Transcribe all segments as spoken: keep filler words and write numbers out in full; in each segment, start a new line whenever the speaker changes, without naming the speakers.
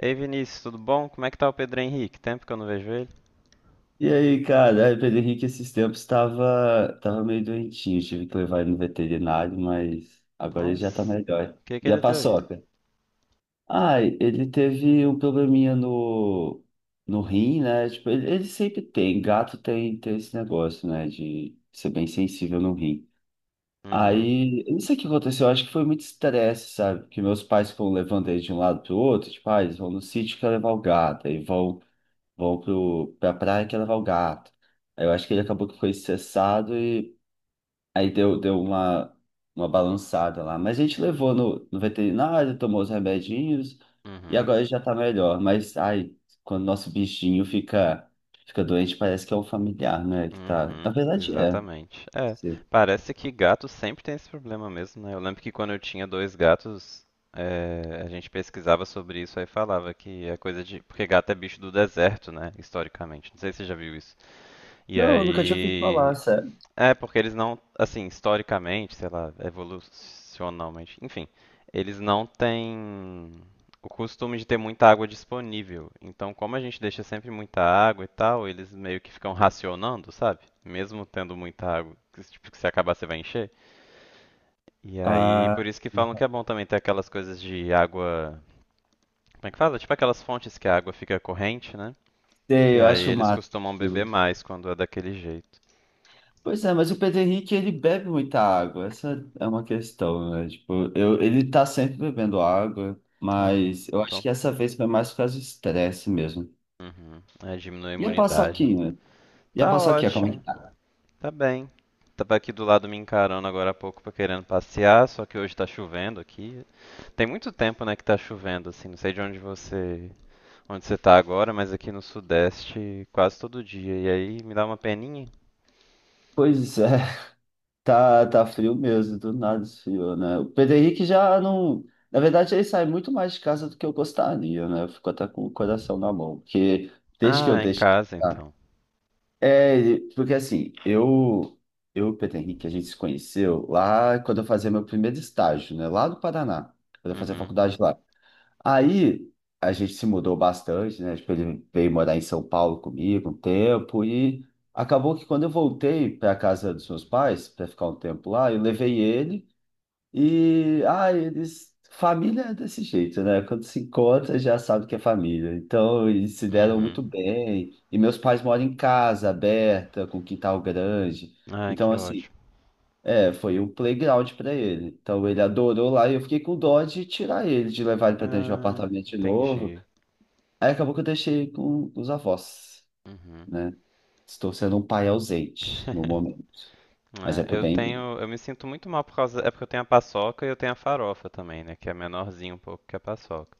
Ei Vinícius, tudo bom? Como é que tá o Pedro Henrique? Tempo que eu não vejo ele.
E aí, cara, aí o Pedro Henrique esses tempos estava tava meio doentinho, tive que levar ele no veterinário, mas agora ele já tá
Nossa,
melhor.
o que que
E a
ele teve?
paçoca? Ai, ele teve um probleminha no, no rim, né? Tipo, ele, ele sempre tem, gato tem, tem esse negócio, né, de ser bem sensível no rim.
Uhum,
Aí, eu não sei o que aconteceu, eu acho que foi muito estresse, sabe? Porque meus pais foram levando ele de um lado pro outro, tipo, ah, eles vão no sítio que levar o gato, aí vão vou pro, pra praia que ia levar o gato. Aí eu acho que ele acabou que foi cessado e aí deu, deu uma, uma balançada lá. Mas a gente levou no, no veterinário, tomou os remedinhos e
uhum,
agora já tá melhor. Mas, ai, quando nosso bichinho fica, fica doente, parece que é um familiar, né? Que tá... Na
uhum,
verdade é.
exatamente. É,
Sim.
parece que gato sempre tem esse problema mesmo, né? Eu lembro que quando eu tinha dois gatos, é, a gente pesquisava sobre isso aí falava que é coisa de. Porque gato é bicho do deserto, né? Historicamente. Não sei se você já viu isso. E
Não, eu nunca tinha ouvido
aí
falar, sério.
é, porque eles não, assim, historicamente, sei lá, evolucionalmente, enfim, eles não têm o costume de ter muita água disponível. Então, como a gente deixa sempre muita água e tal, eles meio que ficam racionando, sabe? Mesmo tendo muita água, que, tipo, que se acabar você vai encher. E aí,
Ah,
por isso que falam que é bom também ter aquelas coisas de água, como é que fala? Tipo aquelas fontes que a água fica corrente, né? Que
sei, eu
aí
acho
eles
massa.
costumam beber
Aquilo.
mais quando é daquele jeito.
Pois é, mas o Pedro Henrique, ele bebe muita água, essa é uma questão, né? Tipo, eu, ele tá sempre bebendo água,
Ah,
mas eu acho
então.
que essa vez foi mais por causa do estresse mesmo.
Uhum. É, diminui a
E a
imunidade, né?
paçoquinha? E a
Tá
paçoquinha, como é que
ótimo,
tá?
tá bem. Tava aqui do lado me encarando agora há pouco pra querendo passear, só que hoje tá chovendo aqui. Tem muito tempo, né, que tá chovendo, assim. Não sei de onde você, onde você tá agora, mas aqui no Sudeste quase todo dia. E aí me dá uma peninha.
Pois é, tá, tá frio mesmo, do nada esfriou, né? O Pedro Henrique já não... Na verdade, ele sai muito mais de casa do que eu gostaria, né? Eu fico até com o coração na mão, porque desde que eu
Ah, em
deixo...
casa então.
É, porque assim, eu, eu Pedro Henrique, a gente se conheceu lá quando eu fazia meu primeiro estágio, né? Lá do Paraná, quando eu fazia
Uhum,
faculdade lá. Aí a gente se mudou bastante, né? Tipo, ele veio morar em São Paulo comigo um tempo e acabou que quando eu voltei para casa dos meus pais, para ficar um tempo lá, eu levei ele. E, ah, eles. Família é desse jeito, né? Quando se encontra, já sabe que é família. Então, eles se deram
uhum.
muito bem. E meus pais moram em casa aberta, com quintal grande.
Ah,
Então,
que
assim,
ótimo.
é, foi um playground para ele. Então, ele adorou lá e eu fiquei com dó de tirar ele, de levar ele para dentro de um
Ah,
apartamento de novo.
entendi.
Aí acabou que eu deixei com os avós,
Uhum.
né? Estou sendo um pai ausente no momento, mas é
É,
pro
eu
bem dele.
tenho, eu me sinto muito mal por causa, é porque eu tenho a paçoca e eu tenho a farofa também, né, que é menorzinho um pouco que a paçoca.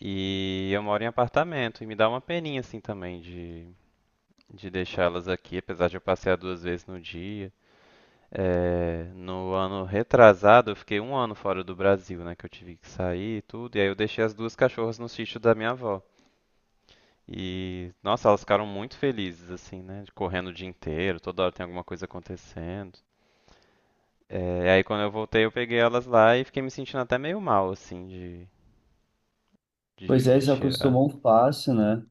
E eu moro em apartamento e me dá uma peninha assim também de de deixá-las aqui, apesar de eu passear duas vezes no dia. É, no ano retrasado, eu fiquei um ano fora do Brasil, né, que eu tive que sair e tudo, e aí eu deixei as duas cachorras no sítio da minha avó. E, nossa, elas ficaram muito felizes, assim, né, de correndo o dia inteiro, toda hora tem alguma coisa acontecendo. É, aí quando eu voltei, eu peguei elas lá e fiquei me sentindo até meio mal, assim, de, de,
Pois é,
de
eles
tirar.
acostumam fácil, né?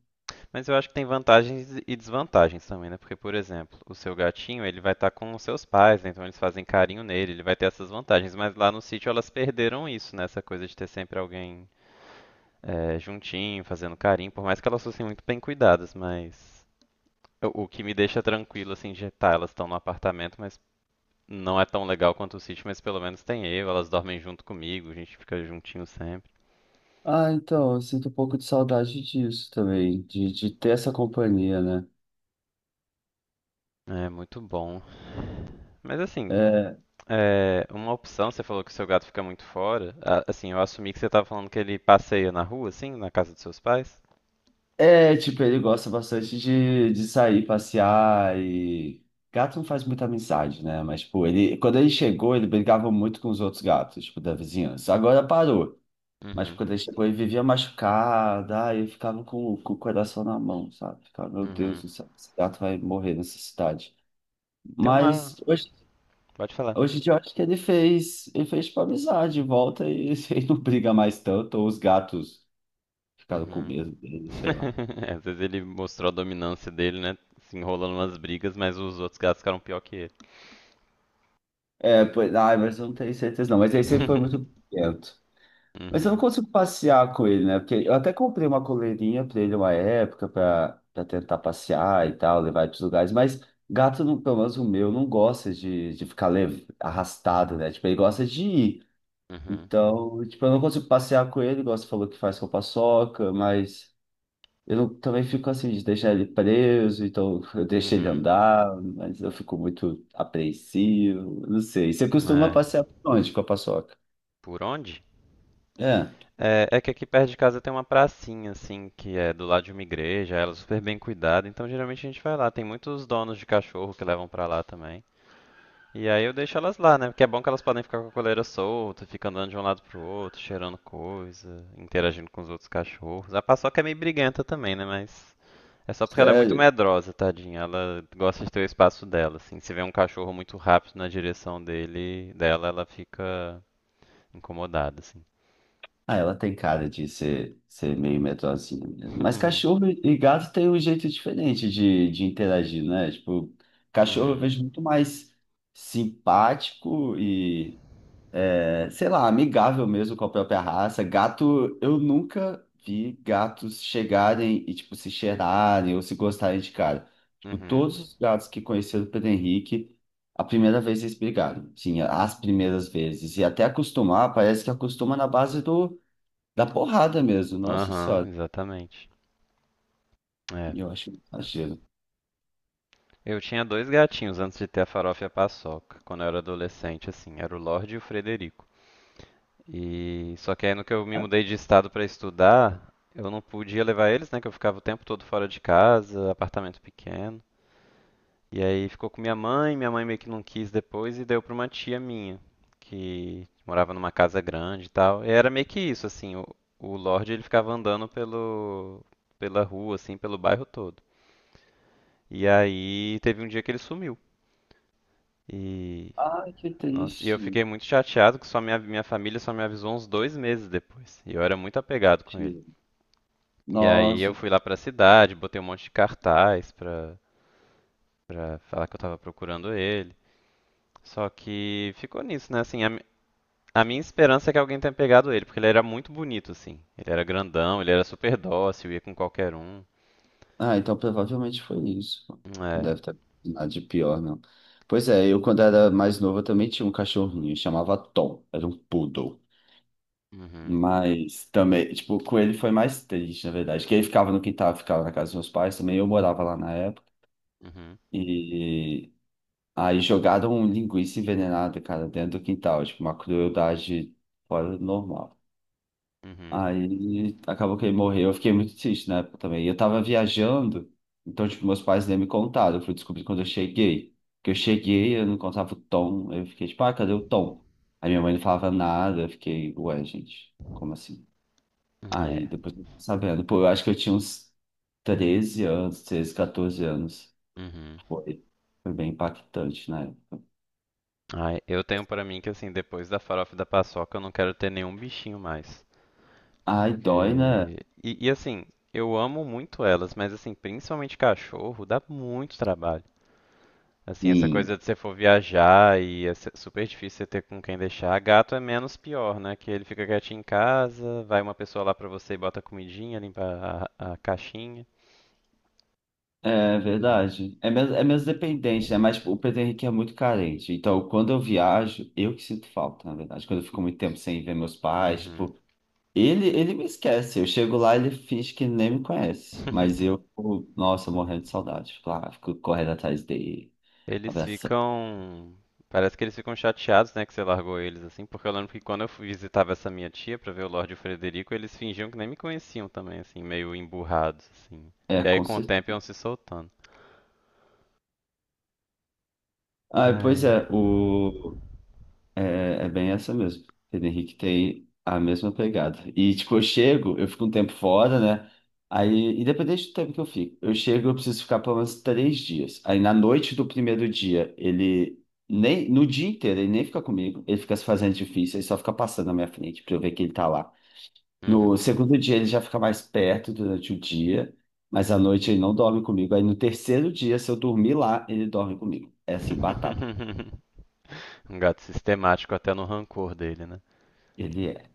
Mas eu acho que tem vantagens e desvantagens também, né? Porque, por exemplo, o seu gatinho, ele vai estar com os seus pais, né? Então eles fazem carinho nele, ele vai ter essas vantagens. Mas lá no sítio elas perderam isso, né? Essa coisa de ter sempre alguém é, juntinho, fazendo carinho, por mais que elas fossem muito bem cuidadas, mas o o que me deixa tranquilo, assim, de tá, elas estão no apartamento, mas não é tão legal quanto o sítio, mas pelo menos tem eu, elas dormem junto comigo, a gente fica juntinho sempre.
Ah, então, eu sinto um pouco de saudade disso também, de, de ter essa companhia, né?
É muito bom. Mas assim,
É,
é, uma opção, você falou que o seu gato fica muito fora. A- Assim, eu assumi que você estava falando que ele passeia na rua, assim, na casa dos seus pais.
é, tipo, ele gosta bastante de, de sair, passear e. Gato não faz muita amizade, né? Mas, tipo, ele, quando ele chegou, ele brigava muito com os outros gatos, tipo, da vizinhança. Agora parou. Mas
Uhum,
quando ele chegou, ele vivia machucado, aí eu ficava com, com o coração na mão, sabe? Ficava, meu Deus
uhum.
do céu, esse gato vai morrer nessa cidade.
Tem uma.
Mas hoje
Pode falar.
Hoje em dia eu acho que ele fez, ele fez tipo amizade, volta e ele não briga mais tanto, ou os gatos ficaram com
Uhum.
medo dele, sei lá.
É, às vezes ele mostrou a dominância dele, né? Se enrolando nas brigas, mas os outros gatos ficaram pior que ele.
É, pois, ai, mas eu não tenho certeza não, mas ele sempre foi muito quieto. Mas eu não
Uhum,
consigo passear com ele, né? Porque eu até comprei uma coleirinha pra ele uma época, pra, pra, tentar passear e tal, levar ele pros lugares, mas gato, não, pelo menos o meu, não gosta de, de ficar lev- arrastado, né? Tipo, ele gosta de ir.
uhum,
Então, tipo, eu não consigo passear com ele, igual você falou que faz com a paçoca, mas. Eu não, também fico assim, de deixar ele preso, então eu deixo ele
uhum.
andar, mas eu fico muito apreensivo, não sei. Você
Uhum.
costuma
É,
passear por onde com a paçoca?
por onde?
É,
É, é que aqui perto de casa tem uma pracinha, assim, que é do lado de uma igreja, ela é super bem cuidada, então geralmente a gente vai lá. Tem muitos donos de cachorro que levam pra lá também. E aí eu deixo elas lá, né? Porque é bom que elas podem ficar com a coleira solta, fica andando de um lado pro outro, cheirando coisa, interagindo com os outros cachorros. A paçoca é meio briguenta também, né? Mas é só porque ela é muito
sério.
medrosa, tadinha. Ela gosta de ter o espaço dela, assim. Se vê um cachorro muito rápido na direção dele, dela, ela fica incomodada, assim.
Ah, ela tem cara de ser, ser meio medrosinha mesmo. Mas cachorro e gato tem um jeito diferente de, de interagir, né? Tipo, cachorro eu
Uhum,
vejo muito mais simpático e. É, sei lá, amigável mesmo com a própria raça. Gato, eu nunca vi gatos chegarem e, tipo, se cheirarem ou se gostarem de cara. Tipo,
uhum.
todos os gatos que conheceram o Pedro Henrique, a primeira vez eles brigaram. Sim, as primeiras vezes. E até acostumar, parece que acostuma na base do, da porrada mesmo. Nossa
Aham,
Senhora,
exatamente. É.
eu acho um exagero.
Eu tinha dois gatinhos antes de ter a Farofa e a Paçoca, quando eu era adolescente, assim, era o Lorde e o Frederico. E só que aí no que eu me mudei de estado para estudar, eu não podia levar eles, né, que eu ficava o tempo todo fora de casa, apartamento pequeno. E aí ficou com minha mãe, minha mãe meio que não quis depois e deu para uma tia minha, que morava numa casa grande e tal. E era meio que isso, assim, o, o Lorde ele ficava andando pelo pela rua, assim, pelo bairro todo. E aí teve um dia que ele sumiu. E,
Ai, que
nossa, e eu
triste.
fiquei muito chateado que só minha, minha família só me avisou uns dois meses depois. E eu era muito apegado com ele. E aí eu
Nossa.
fui lá pra cidade, botei um monte de cartaz pra, pra falar que eu tava procurando ele. Só que ficou nisso, né? Assim, a, mi- a minha esperança é que alguém tenha pegado ele, porque ele era muito bonito, assim. Ele era grandão, ele era super dócil, ia com qualquer um.
Ah, então provavelmente foi isso. Não
É.
deve ter nada de pior, não. Pois é, eu quando era mais novo eu também tinha um cachorrinho, chamava Tom, era um poodle.
Uhum.
Mas também, tipo, com ele foi mais triste, na verdade, que ele ficava no quintal, ficava na casa dos meus pais também, eu morava lá na época.
Uhum.
E aí jogaram um linguiça envenenada, cara, dentro do quintal, tipo, uma crueldade fora do normal.
Uhum.
Aí acabou que ele morreu. Eu fiquei muito triste na época também. E Eu tava viajando, então, tipo, meus pais nem me contaram. Eu fui descobrir quando eu cheguei. Que eu cheguei, eu não contava o Tom. Eu fiquei tipo, ah, cadê o Tom? Aí minha mãe não falava nada. Eu fiquei, ué, gente, como assim? Aí
É.
depois eu fui sabendo. Pô, eu acho que eu tinha uns treze anos, treze, quatorze anos.
Uhum.
Foi, foi, bem impactante, né?
Ai, eu tenho pra mim que assim, depois da farofa e da paçoca, eu não quero ter nenhum bichinho mais.
Ai, dói, né?
Porque. E, e, assim, eu amo muito elas, mas assim, principalmente cachorro, dá muito trabalho. Assim, essa
Sim.
coisa de você for viajar e é se- super difícil você ter com quem deixar. Gato é menos pior, né? Que ele fica quietinho em casa, vai uma pessoa lá pra você e bota a comidinha, limpa a, a caixinha.
É
Mas.
verdade. É menos, é menos dependente, né? Mas tipo, o Pedro Henrique é muito carente. Então, quando eu viajo, eu que sinto falta, na verdade. Quando eu fico muito tempo sem ver meus pais,
Uhum.
tipo, ele, ele me esquece. Eu chego lá, ele finge que nem me conhece. Mas eu, tipo, nossa, morrendo de saudade. Fico lá, fico correndo atrás dele,
Eles
abraçando.
ficam. Parece que eles ficam chateados, né, que você largou eles, assim, porque eu lembro que quando eu fui- visitava essa minha tia pra ver o Lorde e o Frederico, eles fingiam que nem me conheciam também, assim, meio emburrados, assim.
É,
E aí
com
com o tempo iam
certeza.
se soltando.
Ah,
Ah,
pois
é.
é, o... É, é bem essa mesmo. Pedro Henrique tem a mesma pegada. E, tipo, eu chego, eu fico um tempo fora, né? Aí, independente do tempo que eu fico, eu chego, eu preciso ficar pelo menos três dias. Aí, na noite do primeiro dia, ele nem, no dia inteiro, ele nem fica comigo, ele fica se fazendo difícil, ele só fica passando na minha frente pra eu ver que ele tá lá. No
Uhum.
segundo dia, ele já fica mais perto durante o dia, mas à noite ele não dorme comigo. Aí, no terceiro dia, se eu dormir lá, ele dorme comigo. É assim, batata.
Um gato sistemático até no rancor dele, né?
Ele é.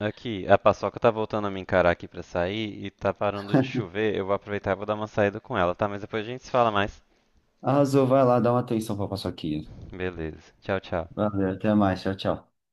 Aqui, a Paçoca tá voltando a me encarar aqui pra sair e tá parando de chover. Eu vou aproveitar e vou dar uma saída com ela, tá? Mas depois a gente se fala mais.
Arrasou, vai lá, dá uma atenção pra paçoquinha.
Beleza. Tchau, tchau.
Valeu, até mais, tchau, tchau.